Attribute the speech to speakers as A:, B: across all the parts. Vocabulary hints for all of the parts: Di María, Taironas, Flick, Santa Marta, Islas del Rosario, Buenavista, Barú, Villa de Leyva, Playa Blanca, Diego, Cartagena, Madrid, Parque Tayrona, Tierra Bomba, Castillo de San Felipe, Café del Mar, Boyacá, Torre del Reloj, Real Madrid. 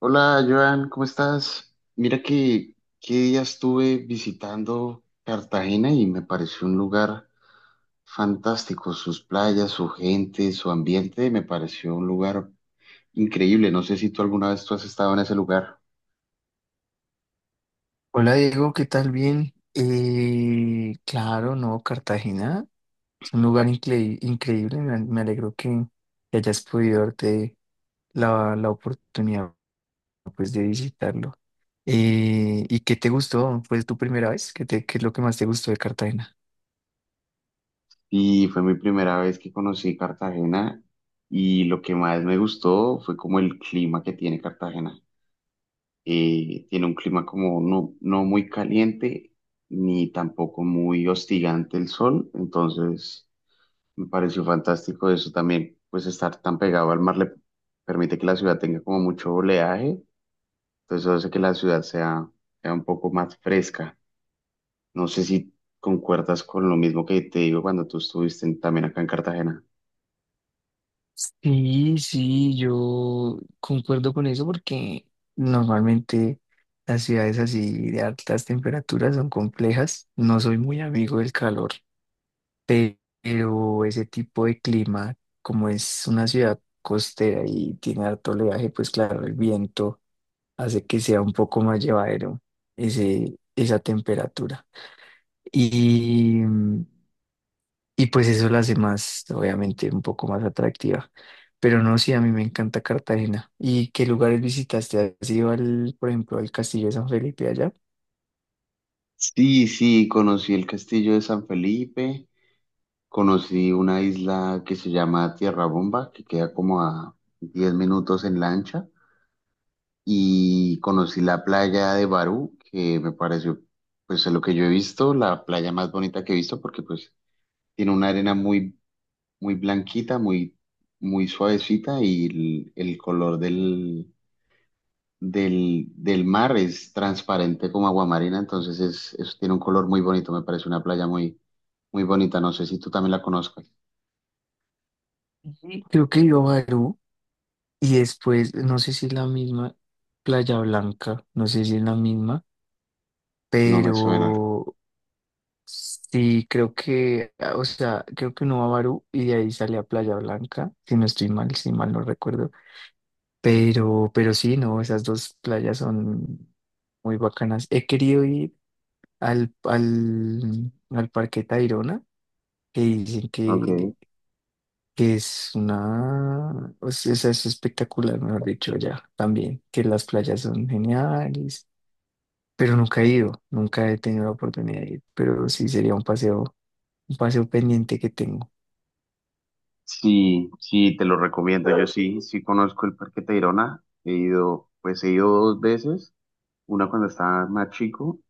A: Hola, Joan, ¿cómo estás? Mira que qué día estuve visitando Cartagena y me pareció un lugar fantástico. Sus playas, su gente, su ambiente, me pareció un lugar increíble. No sé si tú alguna vez tú has estado en ese lugar.
B: Hola Diego, ¿qué tal? Bien. Claro, no, Cartagena es un lugar increíble. Me alegro que hayas podido darte la oportunidad, pues, de visitarlo. ¿Y qué te gustó? ¿Fue tu primera vez? ¿Qué es lo que más te gustó de Cartagena?
A: Y fue mi primera vez que conocí Cartagena y lo que más me gustó fue como el clima que tiene Cartagena. Tiene un clima como no muy caliente ni tampoco muy hostigante el sol, entonces me pareció fantástico eso también, pues estar tan pegado al mar le permite que la ciudad tenga como mucho oleaje, entonces eso hace que la ciudad sea un poco más fresca. No sé si concuerdas con lo mismo que te digo cuando tú también acá en Cartagena.
B: Sí, sí, yo concuerdo con eso porque normalmente las ciudades así de altas temperaturas son complejas. No soy muy amigo del calor. Pero ese tipo de clima, como es una ciudad costera y tiene harto oleaje, pues claro, el viento hace que sea un poco más llevadero esa temperatura. Y, y pues eso la hace más, obviamente, un poco más atractiva. Pero no, sí, a mí me encanta Cartagena. ¿Y qué lugares visitaste? ¿Has ido al, por ejemplo, al Castillo de San Felipe allá?
A: Sí, sí, conocí el castillo de San Felipe. Conocí una isla que se llama Tierra Bomba, que queda como a 10 minutos en lancha, y conocí la playa de Barú, que me pareció, pues, de lo que yo he visto, la playa más bonita que he visto, porque pues tiene una arena muy blanquita, muy suavecita, y el color del mar es transparente como aguamarina, entonces tiene un color muy bonito, me parece una playa muy bonita, no sé si tú también la conozcas,
B: Ujú. Creo que he ido a Barú. Y después, no sé si es la misma Playa Blanca, no sé si es la misma,
A: no me suena.
B: pero sí, creo que, o sea, creo que uno va a Barú y de ahí sale a Playa Blanca, si no estoy mal, si mal no recuerdo. Pero sí, no, esas dos playas son muy bacanas. He querido ir al Parque Tayrona, que dicen que,
A: Ok.
B: que es una, o sea, esa es espectacular, mejor dicho, ya también, que las playas son geniales, pero nunca he ido, nunca he tenido la oportunidad de ir, pero sí sería un paseo pendiente que tengo.
A: Sí, sí, te lo recomiendo. Yo sí, sí conozco el Parque Tayrona. He ido, pues he ido dos veces. Una cuando estaba más chico,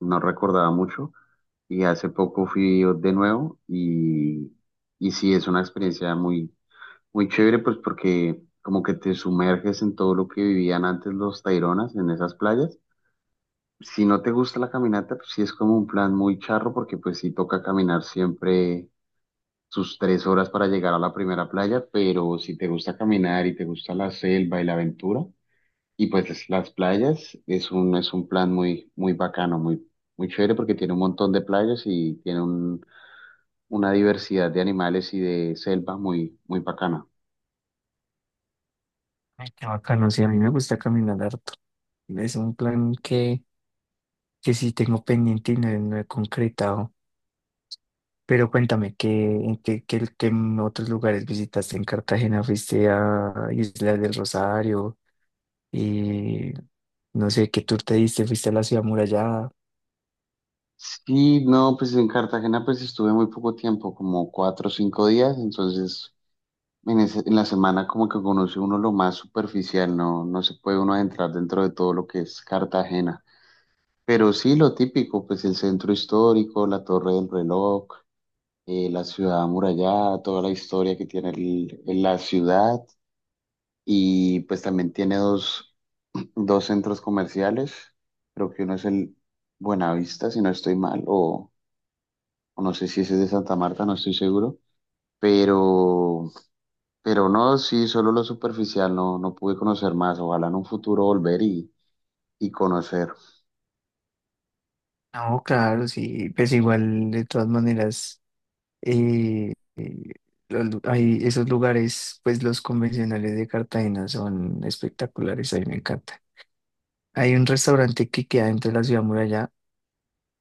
A: no recordaba mucho. Y hace poco fui de nuevo y sí, es una experiencia muy chévere, pues porque como que te sumerges en todo lo que vivían antes los Taironas en esas playas. Si no te gusta la caminata, pues sí es como un plan muy charro porque pues sí toca caminar siempre sus 3 horas para llegar a la primera playa, pero si te gusta caminar y te gusta la selva y la aventura, y las playas, es un plan muy, muy bacano, muy chévere porque tiene un montón de playas y tiene una diversidad de animales y de selva muy, muy bacana.
B: Ay, qué bacano, sí, a mí me gusta caminar harto. Es un plan que sí tengo pendiente y no, he no he concretado. Pero cuéntame, ¿en qué otros lugares visitaste en Cartagena? ¿Fuiste a Islas del Rosario? Y no sé qué tour te diste, fuiste a la ciudad amurallada.
A: Sí, no, pues en Cartagena pues estuve muy poco tiempo, como 4 o 5 días, entonces en la semana como que conoce uno lo más superficial, no se puede uno adentrar dentro de todo lo que es Cartagena. Pero sí, lo típico, pues el centro histórico, la Torre del Reloj, la ciudad amurallada, toda la historia que tiene la ciudad y pues también tiene dos centros comerciales, creo que uno es el Buenavista, si no estoy mal, o no sé si ese es de Santa Marta, no estoy seguro, pero, pero no, sí, solo lo superficial, no pude conocer más, ojalá en un futuro volver y conocer.
B: No, claro, sí, pues igual de todas maneras, eh, eh, hay esos lugares, pues los convencionales de Cartagena son espectaculares, a mí me encanta. Hay un restaurante que queda dentro de la ciudad amurallada,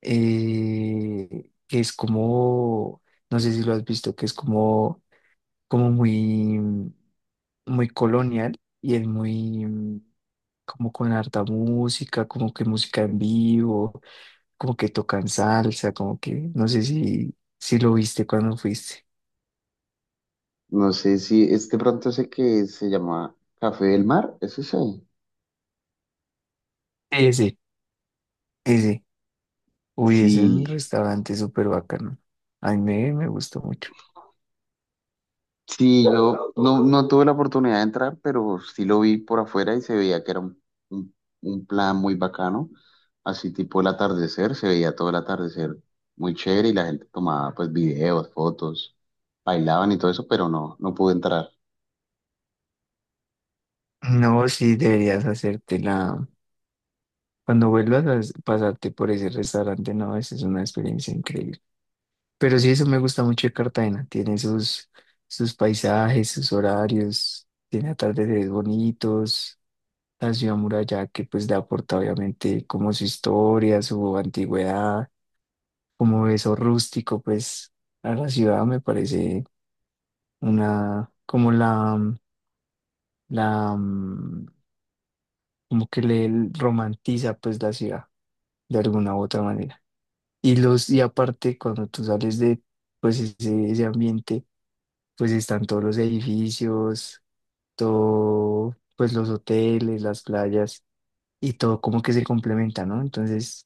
B: que es como, no sé si lo has visto, que es como muy, muy colonial y es muy como con harta música, como que música en vivo, como que tocan salsa, como que no sé si lo viste cuando fuiste.
A: No sé si es de pronto sé que se llama Café del Mar, ¿es ese?
B: Ese, ese. Uy, ese es un
A: Sí,
B: restaurante súper bacano. A mí me gustó mucho.
A: sí, yo no tuve la oportunidad de entrar, pero sí lo vi por afuera y se veía que era un- un plan muy bacano, así tipo el atardecer, se veía todo el atardecer muy chévere y la gente tomaba pues videos, fotos, bailaban y todo eso, pero no, no pude entrar.
B: No, sí. Cuando vuelvas a pasarte por ese restaurante, no, esa es una experiencia increíble. Pero sí, eso me gusta mucho de Cartagena. Tiene sus, paisajes, sus horarios, tiene atardeceres bonitos. La ciudad muralla, que pues le aporta obviamente como su historia, su antigüedad, como eso rústico, pues a la ciudad me parece una, como la, como que le romantiza pues la ciudad de alguna u otra manera. Y aparte, cuando tú sales de pues ese ambiente, pues están todos los edificios, todo pues los hoteles, las playas y todo como que se complementa, ¿no? Entonces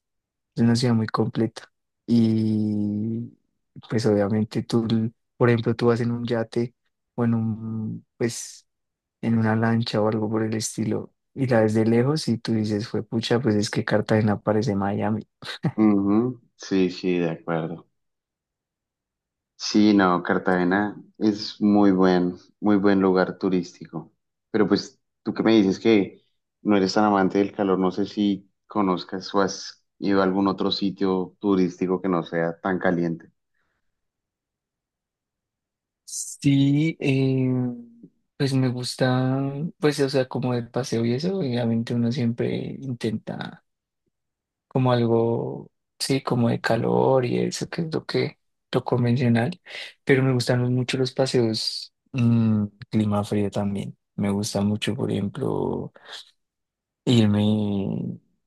B: es una ciudad muy completa. Y pues obviamente tú, por ejemplo, tú vas en un yate o pues, en una lancha o algo por el estilo y la ves de lejos y tú dices, fue pucha, pues es que Cartagena parece Miami.
A: Ujú, sí, sí, de acuerdo. Sí, no, Cartagena es muy buen lugar turístico. Pero pues tú que me dices que no eres tan amante del calor, no sé si conozcas o has ido a algún otro sitio turístico que no sea tan caliente.
B: Sí, pues me gusta, pues o sea, como el paseo y eso, obviamente uno siempre intenta como algo, sí, como de calor y eso, que es lo convencional, pero me gustan mucho los paseos, clima frío también. Me gusta mucho, por ejemplo, irme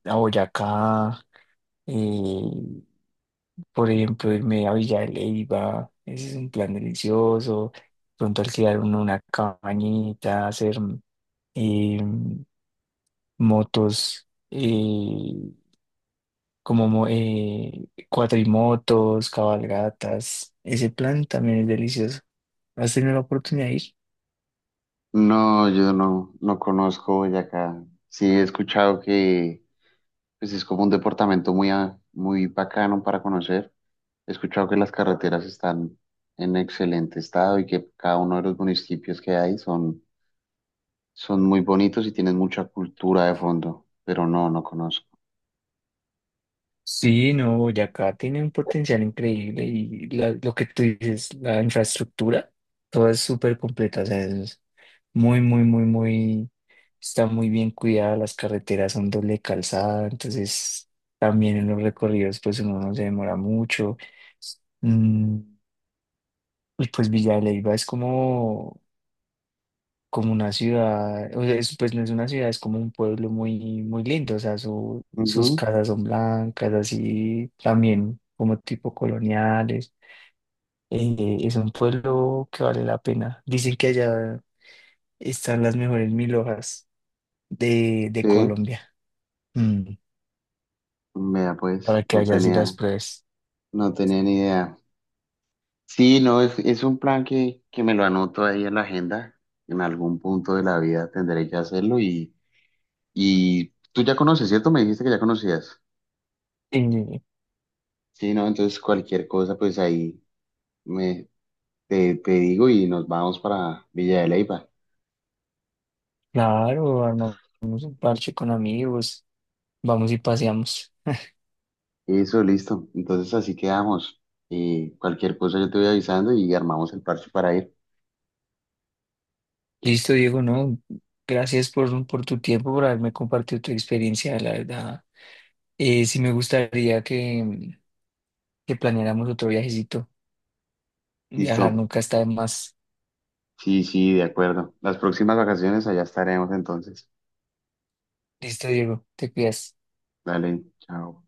B: a Boyacá, eh, por ejemplo, irme a Villa de Leyva, ese es un plan delicioso. Pronto alquilar uno una cabañita, hacer eh, motos, como cuatrimotos, cabalgatas. Ese plan también es delicioso. ¿Has tenido la oportunidad de ir?
A: No, yo no conozco Boyacá. Sí, he escuchado que pues, es como un departamento muy bacano para conocer. He escuchado que las carreteras están en excelente estado y que cada uno de los municipios que hay son muy bonitos y tienen mucha cultura de fondo, pero no, no conozco.
B: Sí, no, Boyacá tiene un potencial increíble y lo que tú dices, la infraestructura, todo es súper completa, o sea, es muy, muy, muy, muy, está muy bien cuidada, las carreteras son doble calzada, entonces también en los recorridos pues uno no se demora mucho. Mm, y pues Villa de Leyva es como una ciudad, o sea, pues no es una ciudad, es como un pueblo muy, muy lindo, o sea, sus
A: Ujú,
B: casas son blancas, así también como tipo coloniales. Es un pueblo que vale la pena. Dicen que allá están las mejores mil hojas de
A: sí,
B: Colombia. Mm,
A: vea pues,
B: para que allá sí las pruebes.
A: no tenía ni idea. Sí, no, es un plan que me lo anoto ahí en la agenda. En algún punto de la vida tendré que hacerlo y tú ya conoces, ¿cierto? Me dijiste que ya conocías.
B: Eh,
A: Sí, no, entonces cualquier cosa, pues ahí me, te digo y nos vamos para Villa de Leyva.
B: claro, armamos un parche con amigos, vamos y paseamos.
A: Eso, listo. Entonces así quedamos. Cualquier cosa yo te voy avisando y armamos el parche para ir.
B: Listo, Diego, no, gracias por tu tiempo, por haberme compartido tu experiencia, la verdad. Sí me gustaría que planeáramos otro viajecito. Viajar
A: Listo.
B: nunca está de más.
A: Sí, sí, de acuerdo. Las próximas vacaciones allá estaremos entonces.
B: Listo, Diego, te cuidas.
A: Dale, chao.